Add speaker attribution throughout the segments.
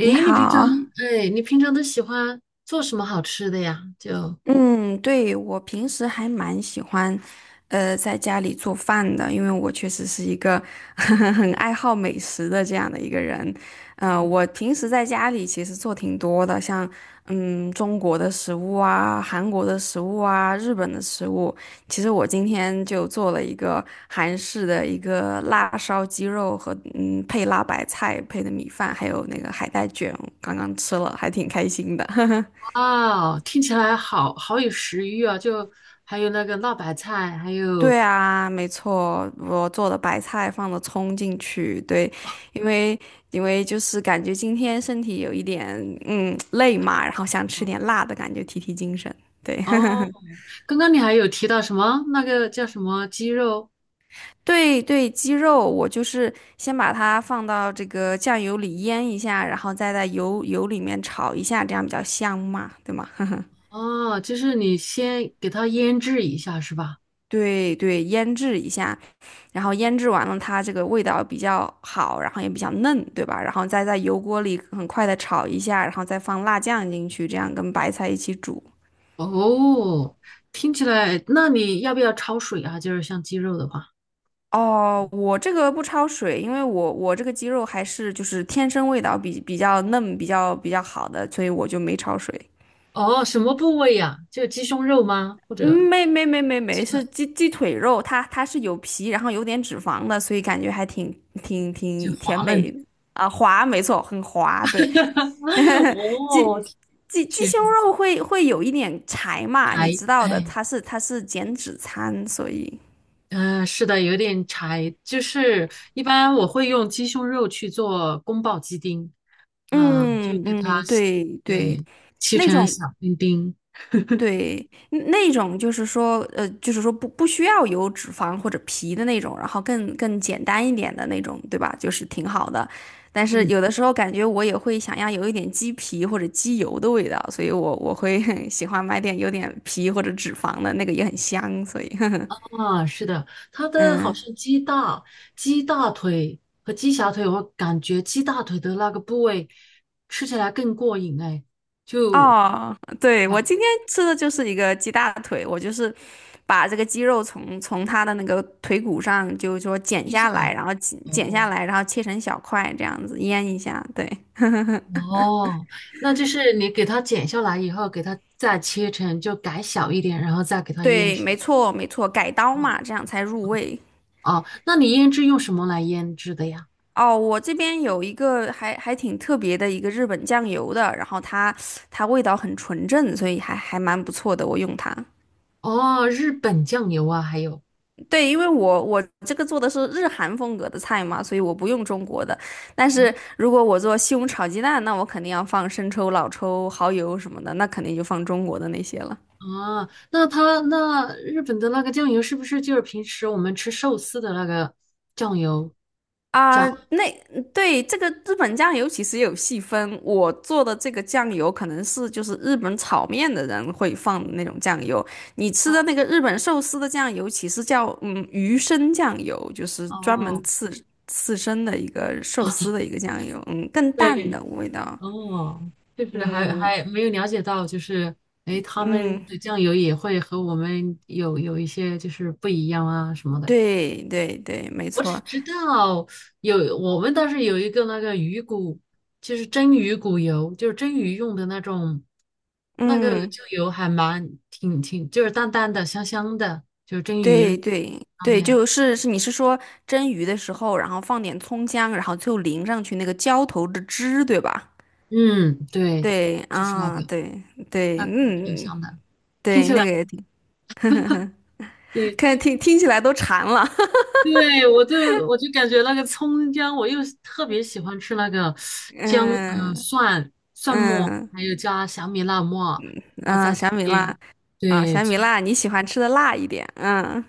Speaker 1: 你
Speaker 2: 你平常，
Speaker 1: 好。
Speaker 2: 哎，你平常都喜欢做什么好吃的呀？就，
Speaker 1: 嗯，对，我平时还蛮喜欢，在家里做饭的，因为我确实是一个 很爱好美食的这样的一个人。我平时在家里其实做挺多的，像中国的食物啊、韩国的食物啊、日本的食物。其实我今天就做了一个韩式的一个辣烧鸡肉和配辣白菜配的米饭，还有那个海带卷，刚刚吃了，还挺开心的。
Speaker 2: 哇，听起来好好有食欲啊！就还有那个辣白菜，还有
Speaker 1: 对啊，没错，我做的白菜放了葱进去，对，因为因为就是感觉今天身体有一点累嘛，然后想吃点辣的感觉提提精神，对。
Speaker 2: 哦，刚刚你还有提到什么那个叫什么鸡肉？
Speaker 1: 对对，鸡肉我就是先把它放到这个酱油里腌一下，然后再在油里面炒一下，这样比较香嘛，对吗？
Speaker 2: 哦，就是你先给它腌制一下是吧？
Speaker 1: 对对，腌制一下，然后腌制完了，它这个味道比较好，然后也比较嫩，对吧？然后再在油锅里很快的炒一下，然后再放辣酱进去，这样跟白菜一起煮。
Speaker 2: 哦，听起来，那你要不要焯水啊？就是像鸡肉的话。
Speaker 1: 哦，我这个不焯水，因为我这个鸡肉还是就是天生味道比较嫩，比较好的，所以我就没焯水。
Speaker 2: 哦，什么部位呀？就鸡胸肉吗？或
Speaker 1: 嗯，
Speaker 2: 者
Speaker 1: 没没没没
Speaker 2: 鸡
Speaker 1: 没，
Speaker 2: 腿
Speaker 1: 是鸡腿肉，它是有皮，然后有点脂肪的，所以感觉还挺挺
Speaker 2: 就
Speaker 1: 挺甜
Speaker 2: 滑嫩的，
Speaker 1: 美。啊，滑，没错，很滑，对。鸡
Speaker 2: 哦，
Speaker 1: 鸡鸡
Speaker 2: 天
Speaker 1: 胸
Speaker 2: 柴
Speaker 1: 肉会有一点柴嘛，你
Speaker 2: 哎，
Speaker 1: 知道的，它是减脂餐，所以，
Speaker 2: 嗯、是的，有点柴。就是一般我会用鸡胸肉去做宫保鸡丁，嗯、就
Speaker 1: 嗯
Speaker 2: 给它
Speaker 1: 嗯，对对。
Speaker 2: 对切
Speaker 1: 那
Speaker 2: 成
Speaker 1: 种
Speaker 2: 小丁丁。
Speaker 1: 对那种就是说，就是说不需要有脂肪或者皮的那种，然后更简单一点的那种，对吧？就是挺好的。但是
Speaker 2: 嗯，
Speaker 1: 有的时候感觉我也会想要有一点鸡皮或者鸡油的味道，所以我会 喜欢买点有点皮或者脂肪的那个也很香，所以
Speaker 2: 啊，是的，它的好
Speaker 1: 嗯。
Speaker 2: 像鸡大、鸡大腿和鸡小腿，我感觉鸡大腿的那个部位吃起来更过瘾哎，就
Speaker 1: 哦，对，
Speaker 2: 把
Speaker 1: 我今天吃的就是一个鸡大腿，我就是把这个鸡肉从它的那个腿骨上，就是说剪
Speaker 2: 劈
Speaker 1: 下
Speaker 2: 下来。
Speaker 1: 来，然后剪剪下
Speaker 2: 哦
Speaker 1: 来，然后切成小块，这样子腌一下。对，
Speaker 2: 哦，那就是你给它剪下来以后，给它再切成就改小一点，然后再给它腌
Speaker 1: 对，
Speaker 2: 制。
Speaker 1: 没错，没错，改刀
Speaker 2: 嗯
Speaker 1: 嘛，这样才入味。
Speaker 2: 哦，那你腌制用什么来腌制的呀？
Speaker 1: 哦，我这边有一个还还挺特别的一个日本酱油的，然后它味道很纯正，所以还还蛮不错的，我用它。
Speaker 2: 哦，日本酱油啊，还有。
Speaker 1: 对，因为我这个做的是日韩风格的菜嘛，所以我不用中国的。但是
Speaker 2: 啊。
Speaker 1: 如果我做西红柿炒鸡蛋，那我肯定要放生抽、老抽、蚝油什么的，那肯定就放中国的那些了。
Speaker 2: 啊，那他那日本的那个酱油是不是就是平时我们吃寿司的那个酱油
Speaker 1: 啊，
Speaker 2: 加
Speaker 1: 那对，这个日本酱油其实也有细分，我做的这个酱油可能是就是日本炒面的人会放的那种酱油，你吃的
Speaker 2: 啊？
Speaker 1: 那个日本寿司的酱油其实叫鱼生酱油，就是专门
Speaker 2: 哦，
Speaker 1: 刺身的一个寿司的一个酱油，嗯，更淡的
Speaker 2: 对，
Speaker 1: 味道，
Speaker 2: 哦，就是还
Speaker 1: 嗯
Speaker 2: 还没有了解到，就是哎，诶他
Speaker 1: 嗯，
Speaker 2: 们的酱油也会和我们有一些就是不一样啊什么的。
Speaker 1: 对对对，没
Speaker 2: 我只
Speaker 1: 错，
Speaker 2: 知道有我们倒是有一个那个鱼骨，就是蒸鱼骨油，就是蒸鱼用的那种，那个
Speaker 1: 嗯。
Speaker 2: 就油还蛮挺挺，就是淡淡的、香香的，就是蒸鱼
Speaker 1: 对对
Speaker 2: 上
Speaker 1: 对，
Speaker 2: 面。
Speaker 1: 就是是你是说蒸鱼的时候，然后放点葱姜，然后最后淋上去那个浇头的汁，对吧？
Speaker 2: 嗯，对，
Speaker 1: 对
Speaker 2: 就是那
Speaker 1: 啊，
Speaker 2: 个，
Speaker 1: 对对，
Speaker 2: 那个挺
Speaker 1: 嗯，
Speaker 2: 香的，听
Speaker 1: 对，
Speaker 2: 起
Speaker 1: 那
Speaker 2: 来。
Speaker 1: 个也挺，
Speaker 2: 对
Speaker 1: 看听听起来都馋了。
Speaker 2: 对，我就我就感觉那个葱姜，我又特别喜欢吃那个姜，
Speaker 1: 嗯
Speaker 2: 蒜末，
Speaker 1: 嗯
Speaker 2: 还有加小米辣末，然后
Speaker 1: 嗯，
Speaker 2: 再加
Speaker 1: 小米
Speaker 2: 点
Speaker 1: 辣。啊，
Speaker 2: 对，
Speaker 1: 小米辣，你喜欢吃的辣一点。嗯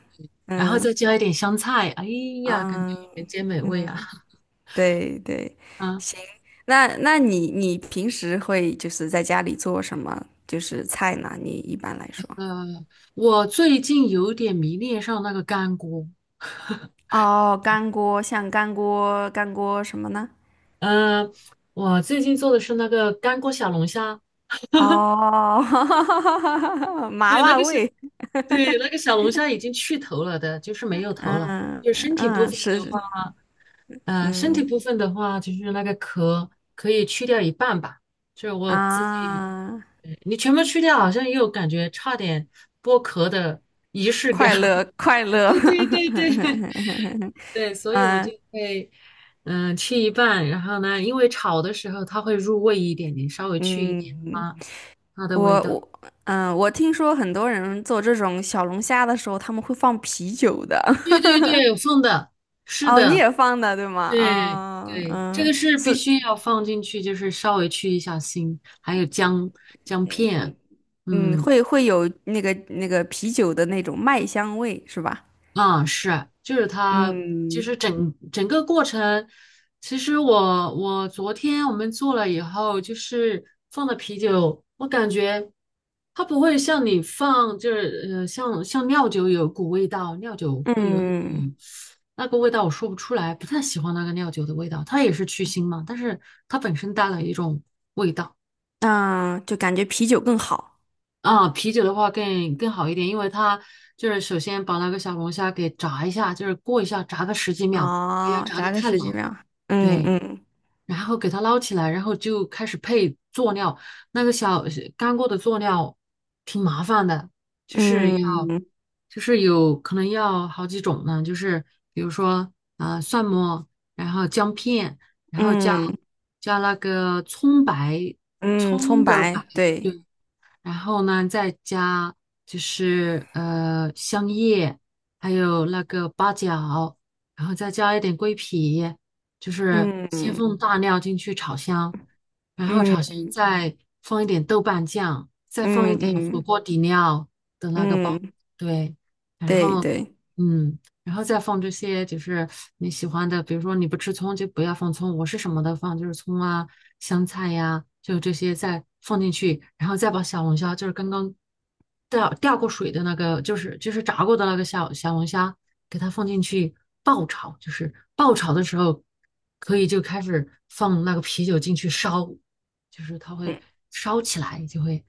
Speaker 2: 然后
Speaker 1: 嗯
Speaker 2: 再加一点香菜，哎呀，感觉
Speaker 1: 嗯
Speaker 2: 人间美味啊！
Speaker 1: 嗯，对对，
Speaker 2: 啊，
Speaker 1: 行。那那你你平时会就是在家里做什么就是菜呢？你一般来说？
Speaker 2: 呃，我最近有点迷恋上那个干锅，
Speaker 1: 哦，干锅，像干锅，干锅什么呢？
Speaker 2: 呃，我最近做的是那个干锅小龙虾，
Speaker 1: 哦，麻
Speaker 2: 对，那
Speaker 1: 辣
Speaker 2: 个小，
Speaker 1: 味，
Speaker 2: 对，那个小龙虾已经去头了的，就是没有头了。
Speaker 1: 嗯
Speaker 2: 就身体部
Speaker 1: 嗯，
Speaker 2: 分
Speaker 1: 是，
Speaker 2: 的话，
Speaker 1: 是
Speaker 2: 身
Speaker 1: 嗯。
Speaker 2: 体部分的话，就是那个壳可以去掉一半吧，就是我自己，
Speaker 1: 啊，
Speaker 2: 对你全部去掉，好像又感觉差点剥壳的仪式感。
Speaker 1: 快乐 快乐，
Speaker 2: 对对对对 对，所以我就
Speaker 1: 嗯
Speaker 2: 会，嗯、吃一半，然后呢，因为炒的时候它会入味一点，点，稍微去一
Speaker 1: 嗯，
Speaker 2: 点啊，它的
Speaker 1: 我
Speaker 2: 味道。
Speaker 1: 我嗯，我听说很多人做这种小龙虾的时候，他们会放啤酒的。
Speaker 2: 对对对，放的，是
Speaker 1: 哦，你
Speaker 2: 的，
Speaker 1: 也放的对吗？
Speaker 2: 对对，这个是必
Speaker 1: 是，
Speaker 2: 须要放进去，就是稍微去一下腥，还有姜姜片，
Speaker 1: 嗯，
Speaker 2: 嗯，
Speaker 1: 会会有那个啤酒的那种麦香味，是吧？
Speaker 2: 啊，是，就是它，就
Speaker 1: 嗯，
Speaker 2: 是整整个过程。其实我昨天我们做了以后，就是放的啤酒，我感觉它不会像你放，就是像料酒有股味道，料酒会有一股
Speaker 1: 嗯，
Speaker 2: 那个味道，我说不出来，不太喜欢那个料酒的味道。它也是去腥嘛，但是它本身带了一种味道。
Speaker 1: 那就感觉啤酒更好。
Speaker 2: 啊，啤酒的话更好一点，因为它就是首先把那个小龙虾给炸一下，就是过一下，炸个十几秒，不要
Speaker 1: 哦，
Speaker 2: 炸的
Speaker 1: 炸个
Speaker 2: 太
Speaker 1: 十
Speaker 2: 老。
Speaker 1: 几秒。嗯
Speaker 2: 对，
Speaker 1: 嗯
Speaker 2: 然后给它捞起来，然后就开始配佐料。那个小干锅的佐料挺麻烦的，就是要嗯
Speaker 1: 嗯
Speaker 2: 就是有可能要好几种呢，就是比如说啊、蒜末，然后姜片，然后加
Speaker 1: 嗯
Speaker 2: 加那个葱白，
Speaker 1: 嗯，葱
Speaker 2: 葱的白。
Speaker 1: 白，对，
Speaker 2: 对。然后呢，再加就是香叶，还有那个八角，然后再加一点桂皮，就是先
Speaker 1: 嗯
Speaker 2: 放大料进去炒香，然后炒香
Speaker 1: 嗯
Speaker 2: 再放一点豆瓣酱，再放一
Speaker 1: 嗯
Speaker 2: 点火
Speaker 1: 嗯
Speaker 2: 锅底料的那个包，
Speaker 1: 嗯，
Speaker 2: 对，然
Speaker 1: 对
Speaker 2: 后
Speaker 1: 对，
Speaker 2: 嗯。然后再放这些就是你喜欢的，比如说你不吃葱就不要放葱，我是什么的放，就是葱啊、香菜呀、就这些再放进去，然后再把小龙虾，就是刚刚掉过水的那个，就是就是炸过的那个小龙虾，给它放进去爆炒，就是爆炒的时候可以就开始放那个啤酒进去烧，就是它会
Speaker 1: 嗯。
Speaker 2: 烧起来，就会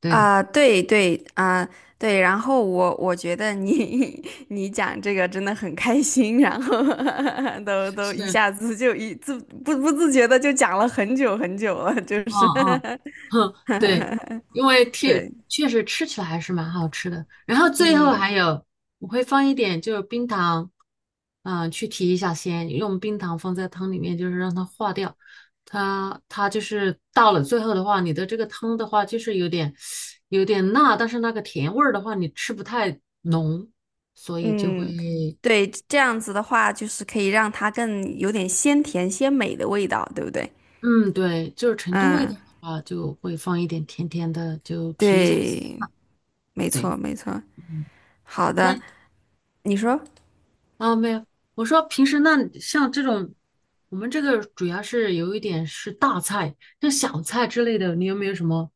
Speaker 2: 对，
Speaker 1: 啊，对对啊，对。然后我我觉得你 你讲这个真的很开心，然后 都
Speaker 2: 是，
Speaker 1: 一
Speaker 2: 嗯
Speaker 1: 下子就一自不自觉的就讲了很久很久了，就是
Speaker 2: 嗯。嗯，对，因为 确
Speaker 1: 对，
Speaker 2: 确实吃起来还是蛮好吃的。然后最后
Speaker 1: 嗯。
Speaker 2: 还有，我会放一点就是冰糖，嗯、去提一下鲜，用冰糖放在汤里面，就是让它化掉。它就是到了最后的话，你的这个汤的话就是有点有点辣，但是那个甜味儿的话你吃不太浓，所以就会，
Speaker 1: 嗯，对，这样子的话，就是可以让它更有点鲜甜鲜美的味道，对不对？
Speaker 2: 嗯，对，就是成都味道
Speaker 1: 嗯，
Speaker 2: 的话就会放一点甜甜的，就提一下鲜。
Speaker 1: 对，没
Speaker 2: 对，
Speaker 1: 错，没错。
Speaker 2: 嗯。
Speaker 1: 好的，
Speaker 2: 那。
Speaker 1: 你说，
Speaker 2: 啊，没有，我说平时那像这种，我们这个主要是有一点是大菜，像小菜之类的，你有没有什么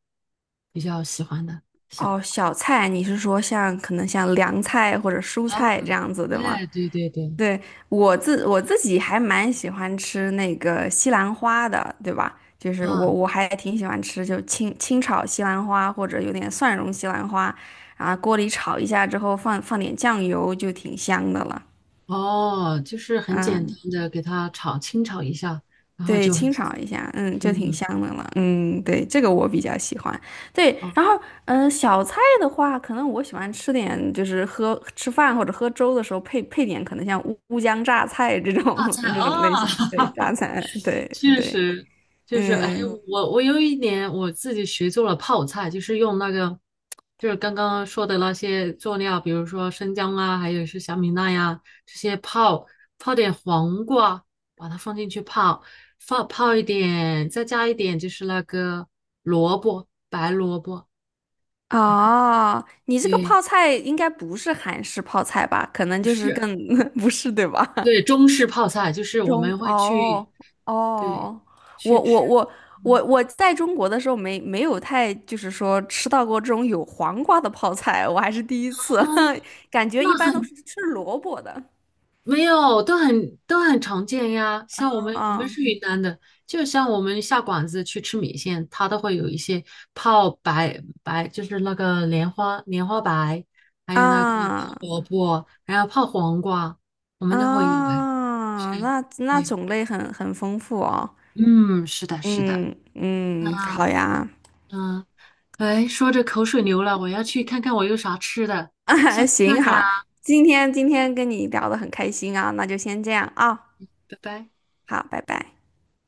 Speaker 2: 比较喜欢的小？
Speaker 1: 哦，小菜，你是说像可能像凉菜或者蔬
Speaker 2: 啊，
Speaker 1: 菜这样子，对吗？
Speaker 2: 哎，对对对，
Speaker 1: 对，我自己还蛮喜欢吃那个西兰花的，对吧？就是我
Speaker 2: 啊，
Speaker 1: 我还挺喜欢吃，就清炒西兰花或者有点蒜蓉西兰花，啊，锅里炒一下之后放放点酱油就挺香的了。
Speaker 2: 哦，就是很简单
Speaker 1: 嗯，
Speaker 2: 的给它炒，清炒一下，然后
Speaker 1: 对，
Speaker 2: 就很
Speaker 1: 清炒
Speaker 2: 香。
Speaker 1: 一下，嗯，就挺
Speaker 2: 嗯，
Speaker 1: 香的了，嗯，对，这个我比较喜欢。对，
Speaker 2: 哦，
Speaker 1: 然后，小菜的话，可能我喜欢吃点，就是喝吃饭或者喝粥的时候配配点，可能像乌江榨菜这种
Speaker 2: 大菜
Speaker 1: 这种类
Speaker 2: 啊，
Speaker 1: 型，对，榨菜，对
Speaker 2: 确
Speaker 1: 对，
Speaker 2: 实，就是，哎，
Speaker 1: 嗯。
Speaker 2: 我有一年我自己学做了泡菜，就是用那个，就是刚刚说的那些佐料，比如说生姜啊，还有是小米辣呀、这些泡，泡点黄瓜，把它放进去泡，放泡一点，再加一点就是那个萝卜，白萝卜，
Speaker 1: 哦，你这个
Speaker 2: 对，
Speaker 1: 泡菜应该不是韩式泡菜吧？可能
Speaker 2: 不
Speaker 1: 就是
Speaker 2: 是，
Speaker 1: 更 不是，对吧？
Speaker 2: 对，中式泡菜，就是我
Speaker 1: 中
Speaker 2: 们会
Speaker 1: 哦，
Speaker 2: 去，对，
Speaker 1: 哦，我
Speaker 2: 去吃，
Speaker 1: 我我
Speaker 2: 嗯。
Speaker 1: 我在中国的时候没有太就是说吃到过这种有黄瓜的泡菜，我还是第一次，
Speaker 2: 啊，
Speaker 1: 感觉
Speaker 2: 那
Speaker 1: 一般都
Speaker 2: 很
Speaker 1: 是吃萝卜的。
Speaker 2: 没有，都很都很常见呀。像我们
Speaker 1: 啊
Speaker 2: 是云南的，就像我们下馆子去吃米线，它都会有一些泡白白，就是那个莲花白，还有那个
Speaker 1: 啊
Speaker 2: 泡萝卜，还有泡黄瓜，我们都会有诶。是，
Speaker 1: 啊！那那
Speaker 2: 对，
Speaker 1: 种类很很丰富哦。
Speaker 2: 嗯，是的，是的。
Speaker 1: 嗯嗯，
Speaker 2: 那
Speaker 1: 好呀，
Speaker 2: 嗯，哎，说着口水流了，我要去看看我有啥吃的，下
Speaker 1: 啊
Speaker 2: 次再
Speaker 1: 行
Speaker 2: 聊，
Speaker 1: 哈，今天今天跟你聊得很开心啊，那就先这样啊，
Speaker 2: 拜拜。
Speaker 1: 好，拜拜。